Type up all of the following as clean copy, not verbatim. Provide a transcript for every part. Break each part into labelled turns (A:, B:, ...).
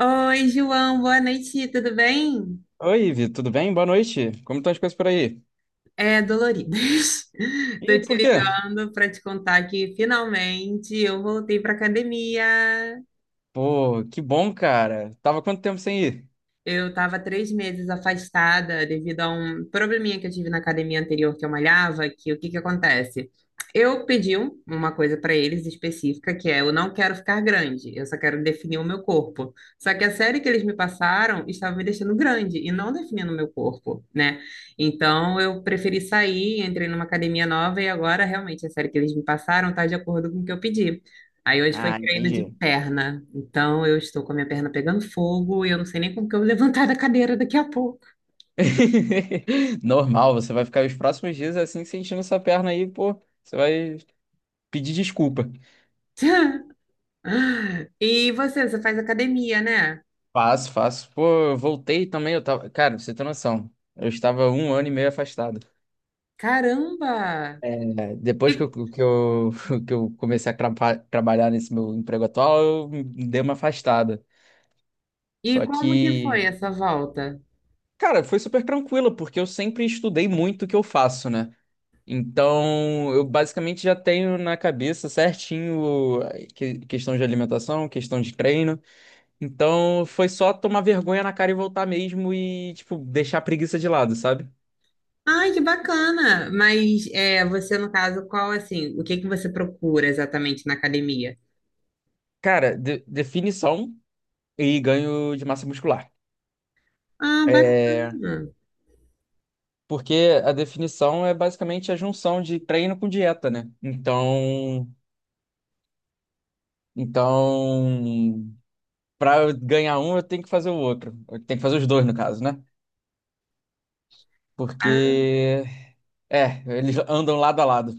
A: Oi, João, boa noite, tudo bem?
B: Oi, Ivi, tudo bem? Boa noite. Como estão as coisas por aí?
A: É, doloridas. Tô
B: E
A: te
B: por quê?
A: ligando para te contar que finalmente eu voltei para academia.
B: Pô, que bom, cara. Tava quanto tempo sem ir?
A: Eu estava 3 meses afastada devido a um probleminha que eu tive na academia anterior que eu malhava, que o que que acontece? Eu pedi uma coisa para eles específica, que é eu não quero ficar grande, eu só quero definir o meu corpo. Só que a série que eles me passaram estava me deixando grande e não definindo o meu corpo, né? Então eu preferi sair, entrei numa academia nova e agora realmente a série que eles me passaram está de acordo com o que eu pedi. Aí hoje foi
B: Ah,
A: treino de
B: entendi.
A: perna. Então eu estou com a minha perna pegando fogo e eu não sei nem como que eu vou levantar da cadeira daqui a pouco.
B: Normal, você vai ficar os próximos dias assim sentindo essa perna aí, pô. Você vai pedir desculpa.
A: E você, você faz academia, né?
B: Faço, faço. Pô, eu voltei também, eu tava. Cara, pra você tem noção. Eu estava um ano e meio afastado.
A: Caramba!
B: É, depois que
A: E,
B: eu, que eu comecei a trabalhar nesse meu emprego atual, eu dei uma afastada.
A: e
B: Só
A: como que foi
B: que.
A: essa volta?
B: Cara, foi super tranquilo, porque eu sempre estudei muito o que eu faço, né? Então, eu basicamente já tenho na cabeça certinho questão de alimentação, questão de treino. Então, foi só tomar vergonha na cara e voltar mesmo e, tipo, deixar a preguiça de lado, sabe?
A: Ai, que bacana! Mas é, você, no caso, qual assim, o que que você procura exatamente na academia?
B: Cara, definição e ganho de massa muscular.
A: Ah,
B: É,
A: bacana!
B: porque a definição é basicamente a junção de treino com dieta, né? Então, pra eu ganhar um, eu tenho que fazer o outro. Eu tenho que fazer os dois, no caso, né? Porque. É, eles andam lado a lado.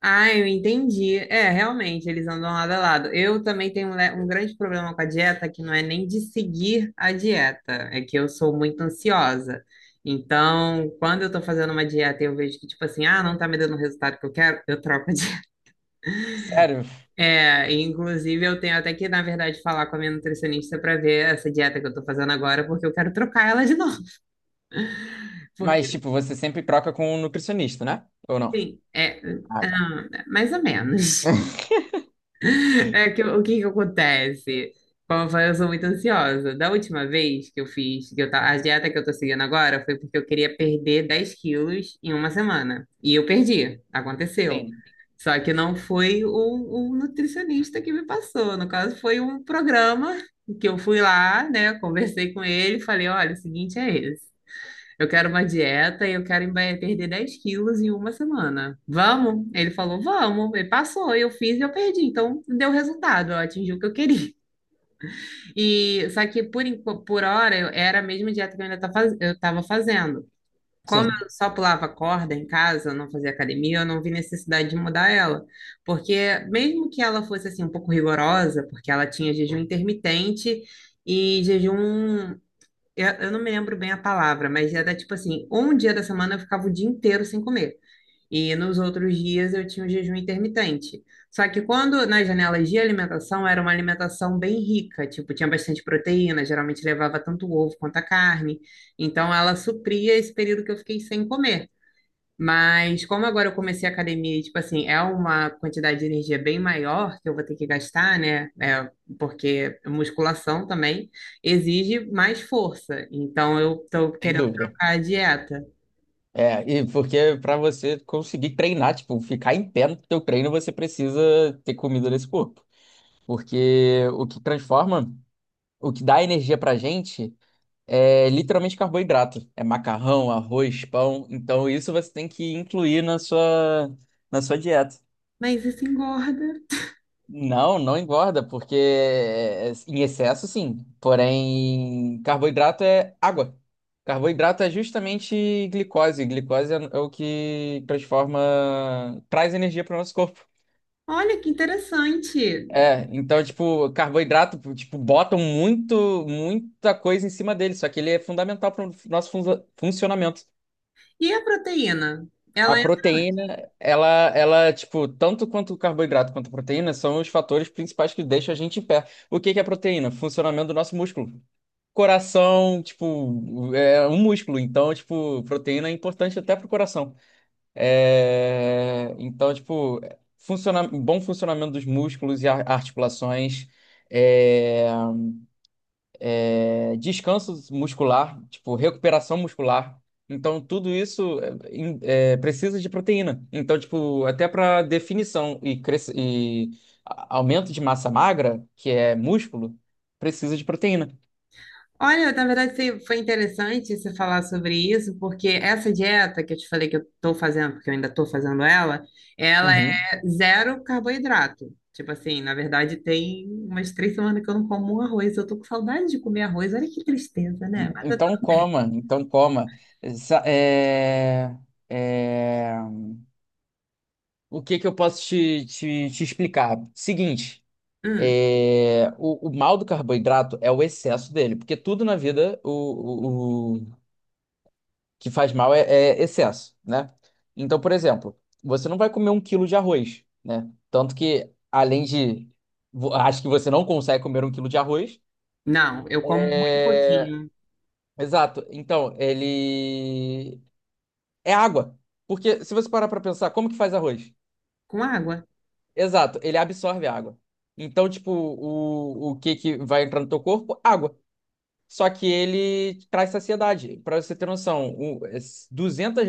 A: Ah, eu entendi. É, realmente, eles andam lado a lado. Eu também tenho né, um grande problema com a dieta, que não é nem de seguir a dieta, é que eu sou muito ansiosa. Então, quando eu tô fazendo uma dieta e eu vejo que, tipo assim, ah, não tá me dando o resultado que eu quero, eu troco a dieta.
B: Sério?
A: É, e, inclusive, eu tenho até que, na verdade, falar com a minha nutricionista para ver essa dieta que eu tô fazendo agora, porque eu quero trocar ela de novo.
B: Mas,
A: Porque,
B: tipo, você sempre troca com um nutricionista, né? Ou não?
A: assim, é,
B: Ah, tá.
A: ah, mais ou menos. É que, o que que acontece? Como eu falei, eu sou muito ansiosa. Da última vez que eu fiz, que a dieta que eu tô seguindo agora foi porque eu queria perder 10 quilos em uma semana. E eu perdi, aconteceu.
B: Sim.
A: Só que não foi o nutricionista que me passou. No caso, foi um programa que eu fui lá, né? Conversei com ele, falei, olha, o seguinte é esse. Eu quero uma dieta e eu quero perder 10 quilos em uma semana. Vamos? Ele falou, vamos. Ele passou, eu fiz e eu perdi. Então, deu resultado, eu atingi o que eu queria. E só que por hora era a mesma dieta que eu ainda eu estava fazendo. Como
B: Sim,
A: eu só pulava corda em casa, não fazia academia, eu não vi necessidade de mudar ela. Porque mesmo que ela fosse assim um pouco rigorosa, porque ela tinha jejum intermitente e jejum eu não me lembro bem a palavra, mas era tipo assim, um dia da semana eu ficava o dia inteiro sem comer. E nos outros dias eu tinha o jejum intermitente. Só que quando nas janelas de alimentação era uma alimentação bem rica, tipo, tinha bastante proteína, geralmente levava tanto o ovo quanto a carne. Então ela supria esse período que eu fiquei sem comer. Mas como agora eu comecei a academia, e, tipo assim, é uma quantidade de energia bem maior que eu vou ter que gastar, né? É, porque musculação também exige mais força. Então eu tô
B: sem
A: querendo
B: dúvida.
A: trocar a dieta.
B: É, e porque pra você conseguir treinar, tipo, ficar em pé no teu treino, você precisa ter comida nesse corpo. Porque o que transforma, o que dá energia pra gente é literalmente carboidrato. É macarrão, arroz, pão. Então isso você tem que incluir na sua dieta.
A: Mas isso engorda.
B: Não, não engorda, porque em excesso sim. Porém, carboidrato é água. Carboidrato é justamente glicose. Glicose é o que transforma, traz energia para o nosso corpo.
A: Olha que interessante.
B: É, então, tipo, carboidrato, tipo, botam muito, muita coisa em cima dele, só que ele é fundamental para o nosso funcionamento.
A: E a proteína?
B: A
A: Ela
B: proteína, ela, tipo, tanto quanto o carboidrato quanto a proteína são os fatores principais que deixam a gente em pé. O que que é proteína? Funcionamento do nosso músculo. Coração, tipo, é um músculo, então, tipo, proteína é importante até pro coração. É, então, tipo, bom funcionamento dos músculos e articulações. É, descanso muscular, tipo, recuperação muscular. Então, tudo isso precisa de proteína. Então, tipo, até para definição e aumento de massa magra, que é músculo, precisa de proteína.
A: Olha, na verdade foi interessante você falar sobre isso, porque essa dieta que eu te falei que eu estou fazendo, porque eu ainda estou fazendo ela, ela é
B: Uhum.
A: zero carboidrato. Tipo assim, na verdade tem umas três semanas que eu não como um arroz. Eu tô com saudade de comer arroz. Olha que tristeza, né? Mas tá
B: Então,
A: tudo bem.
B: coma, então coma. Essa- é- é, O que que eu posso te explicar? Seguinte,
A: Hum,
B: o mal do carboidrato é o excesso dele, porque tudo na vida, que faz mal é excesso, né? Então, por exemplo, você não vai comer um quilo de arroz, né? Tanto que, além de. Acho que você não consegue comer um quilo de arroz.
A: não, eu como muito
B: É.
A: pouquinho.
B: Exato. Então, ele. É água. Porque se você parar pra pensar, como que faz arroz?
A: Com água.
B: Exato, ele absorve a água. Então, tipo, o que que vai entrar no teu corpo? Água. Só que ele traz saciedade. Para você ter noção,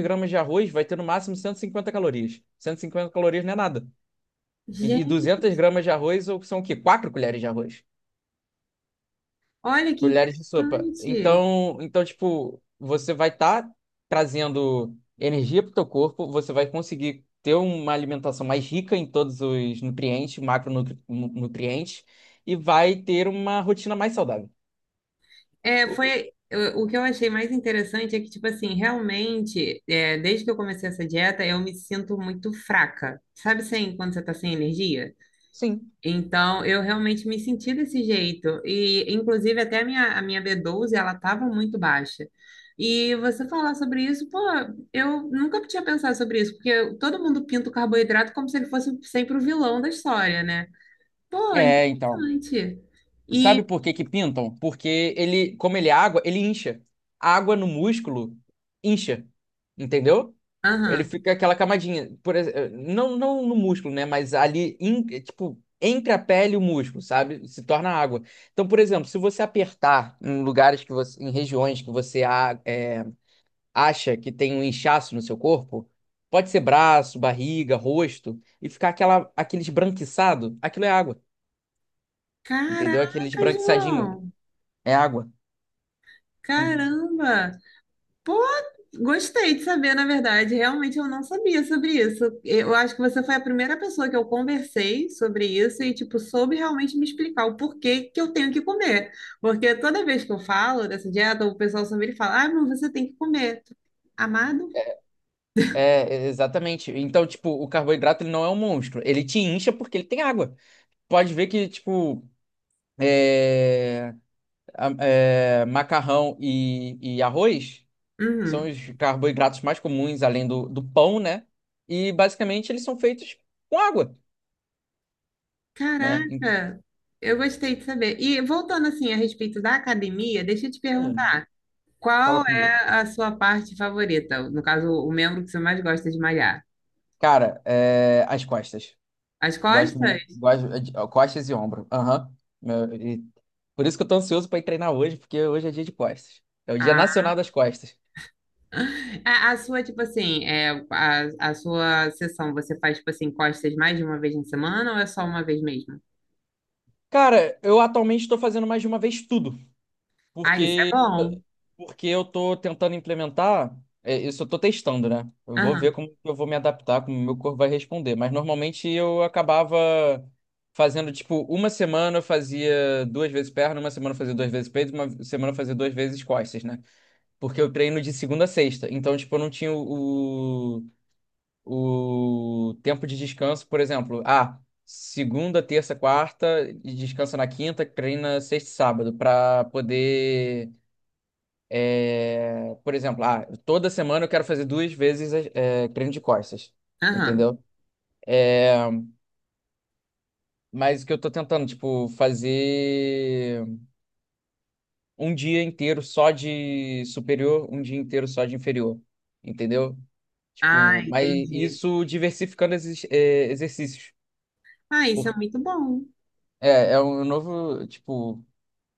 B: gramas de arroz vai ter no máximo 150 calorias. 150 calorias não é nada. E
A: Gente,
B: 200 gramas de arroz são o quê? 4 colheres de arroz.
A: olha que
B: Colheres de sopa.
A: interessante.
B: Então, tipo, você vai estar trazendo energia para o teu corpo, você vai conseguir ter uma alimentação mais rica em todos os nutrientes, macronutrientes, e vai ter uma rotina mais saudável.
A: É,
B: O-
A: foi o que eu achei mais interessante é que, tipo assim, realmente, é, desde que eu comecei essa dieta, eu me sinto muito fraca. Sabe assim, quando você tá sem energia?
B: Sim.
A: Então, eu realmente me senti desse jeito. E, inclusive, até a minha B12 ela tava muito baixa. E você falar sobre isso, pô, eu nunca tinha pensado sobre isso, porque todo mundo pinta o carboidrato como se ele fosse sempre o vilão da história, né? Pô,
B: É, então.
A: interessante.
B: Sabe
A: E,
B: por que que pintam? Porque ele, como ele é água, ele incha. A água no músculo incha, entendeu? Ele
A: aham.
B: fica aquela camadinha, não, não no músculo, né? Mas ali, tipo, entre a pele e o músculo, sabe? Se torna água. Então, por exemplo, se você apertar em lugares que você, em regiões que você acha que tem um inchaço no seu corpo, pode ser braço, barriga, rosto, e ficar aquela, aquele esbranquiçado, aquilo é água, entendeu? Aquele
A: Caraca,
B: esbranquiçadinho
A: João!
B: é água. Em-
A: Caramba! Pô, gostei de saber, na verdade. Realmente eu não sabia sobre isso. Eu acho que você foi a primeira pessoa que eu conversei sobre isso e, tipo, soube realmente me explicar o porquê que eu tenho que comer. Porque toda vez que eu falo dessa dieta, o pessoal sempre fala: ah, mas você tem que comer. Amado?
B: É, exatamente. Então, tipo, o carboidrato ele não é um monstro. Ele te incha porque ele tem água. Pode ver que, tipo, macarrão e arroz são
A: Uhum.
B: os carboidratos mais comuns, além do pão, né? E basicamente eles são feitos com água, né? Em-
A: Caraca! Eu gostei de saber. E voltando assim a respeito da academia, deixa eu te
B: Hum,
A: perguntar,
B: fala
A: qual
B: comigo.
A: é a sua parte favorita? No caso, o membro que você mais gosta de malhar?
B: Cara, é, as costas.
A: As
B: Gosto, mu-
A: costas?
B: gosto de ó, costas e ombro. Aham. Meu, e- Por isso que eu tô ansioso pra ir treinar hoje, porque hoje é dia de costas. É o Dia
A: Ah.
B: Nacional das Costas.
A: A sua, tipo assim, é, a sua sessão, você faz, tipo assim, costas mais de uma vez na semana ou é só uma vez mesmo?
B: Cara, eu atualmente estou fazendo mais de uma vez tudo,
A: Ah, isso é
B: porque
A: bom.
B: porque eu estou tentando implementar, isso eu estou testando, né? Eu vou ver
A: Aham,
B: como eu vou me adaptar, como o meu corpo vai responder. Mas normalmente eu acabava fazendo tipo uma semana eu fazia duas vezes perna, uma semana eu fazia duas vezes peito, uma semana eu fazia duas vezes costas, né? Porque eu treino de segunda a sexta, então tipo eu não tinha o tempo de descanso, por exemplo, ah, segunda, terça, quarta, e descansa na quinta, treina sexta e sábado, para poder, por exemplo, ah, toda semana eu quero fazer duas vezes treino de costas,
A: aham.
B: entendeu? É, mas o que eu tô tentando, tipo, fazer um dia inteiro só de superior, um dia inteiro só de inferior, entendeu?
A: Ah,
B: Tipo, mas
A: entendi.
B: isso diversificando esses exercícios.
A: Ah, isso
B: Por-
A: é muito bom.
B: É, é um novo, tipo,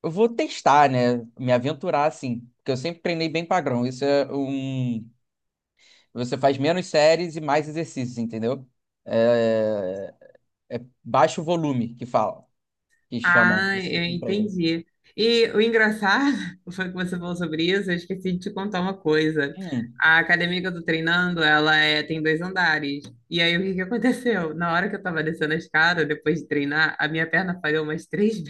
B: eu vou testar, né? Me aventurar assim, porque eu sempre treinei bem padrão. Isso é um. Você faz menos séries e mais exercícios, entendeu? É, é baixo volume que fala, que chamam
A: Ah,
B: esse
A: eu
B: tipo de treino.
A: entendi. E o engraçado foi que você falou sobre isso, eu esqueci de te contar uma coisa.
B: Hum,
A: A academia que eu tô treinando, ela é, tem dois andares. E aí, o que que aconteceu? Na hora que eu tava descendo a escada, depois de treinar, a minha perna falhou umas três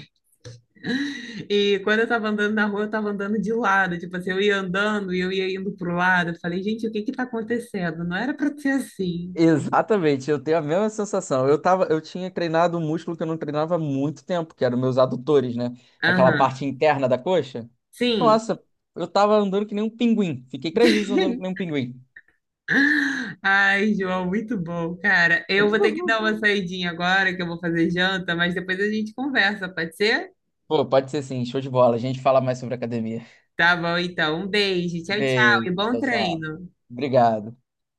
A: E quando eu tava andando na rua, eu tava andando de lado, tipo assim, eu ia andando e eu ia indo pro lado. Eu falei, gente, o que que tá acontecendo? Não era pra ser assim.
B: exatamente, eu tenho a mesma sensação. Eu tinha treinado um músculo que eu não treinava há muito tempo, que eram meus adutores, né? Aquela
A: Aham.
B: parte interna da coxa.
A: Sim.
B: Nossa, eu tava andando que nem um pinguim. Fiquei 3 dias andando que nem um pinguim.
A: Ai, João, muito bom, cara. Eu vou ter que dar uma saidinha agora, que eu vou fazer janta, mas depois a gente conversa, pode ser?
B: Pô, pode ser sim, show de bola. A gente fala mais sobre academia.
A: Tá bom, então. Um beijo, tchau, tchau e
B: Beijo,
A: bom
B: tchau, tchau.
A: treino.
B: Obrigado.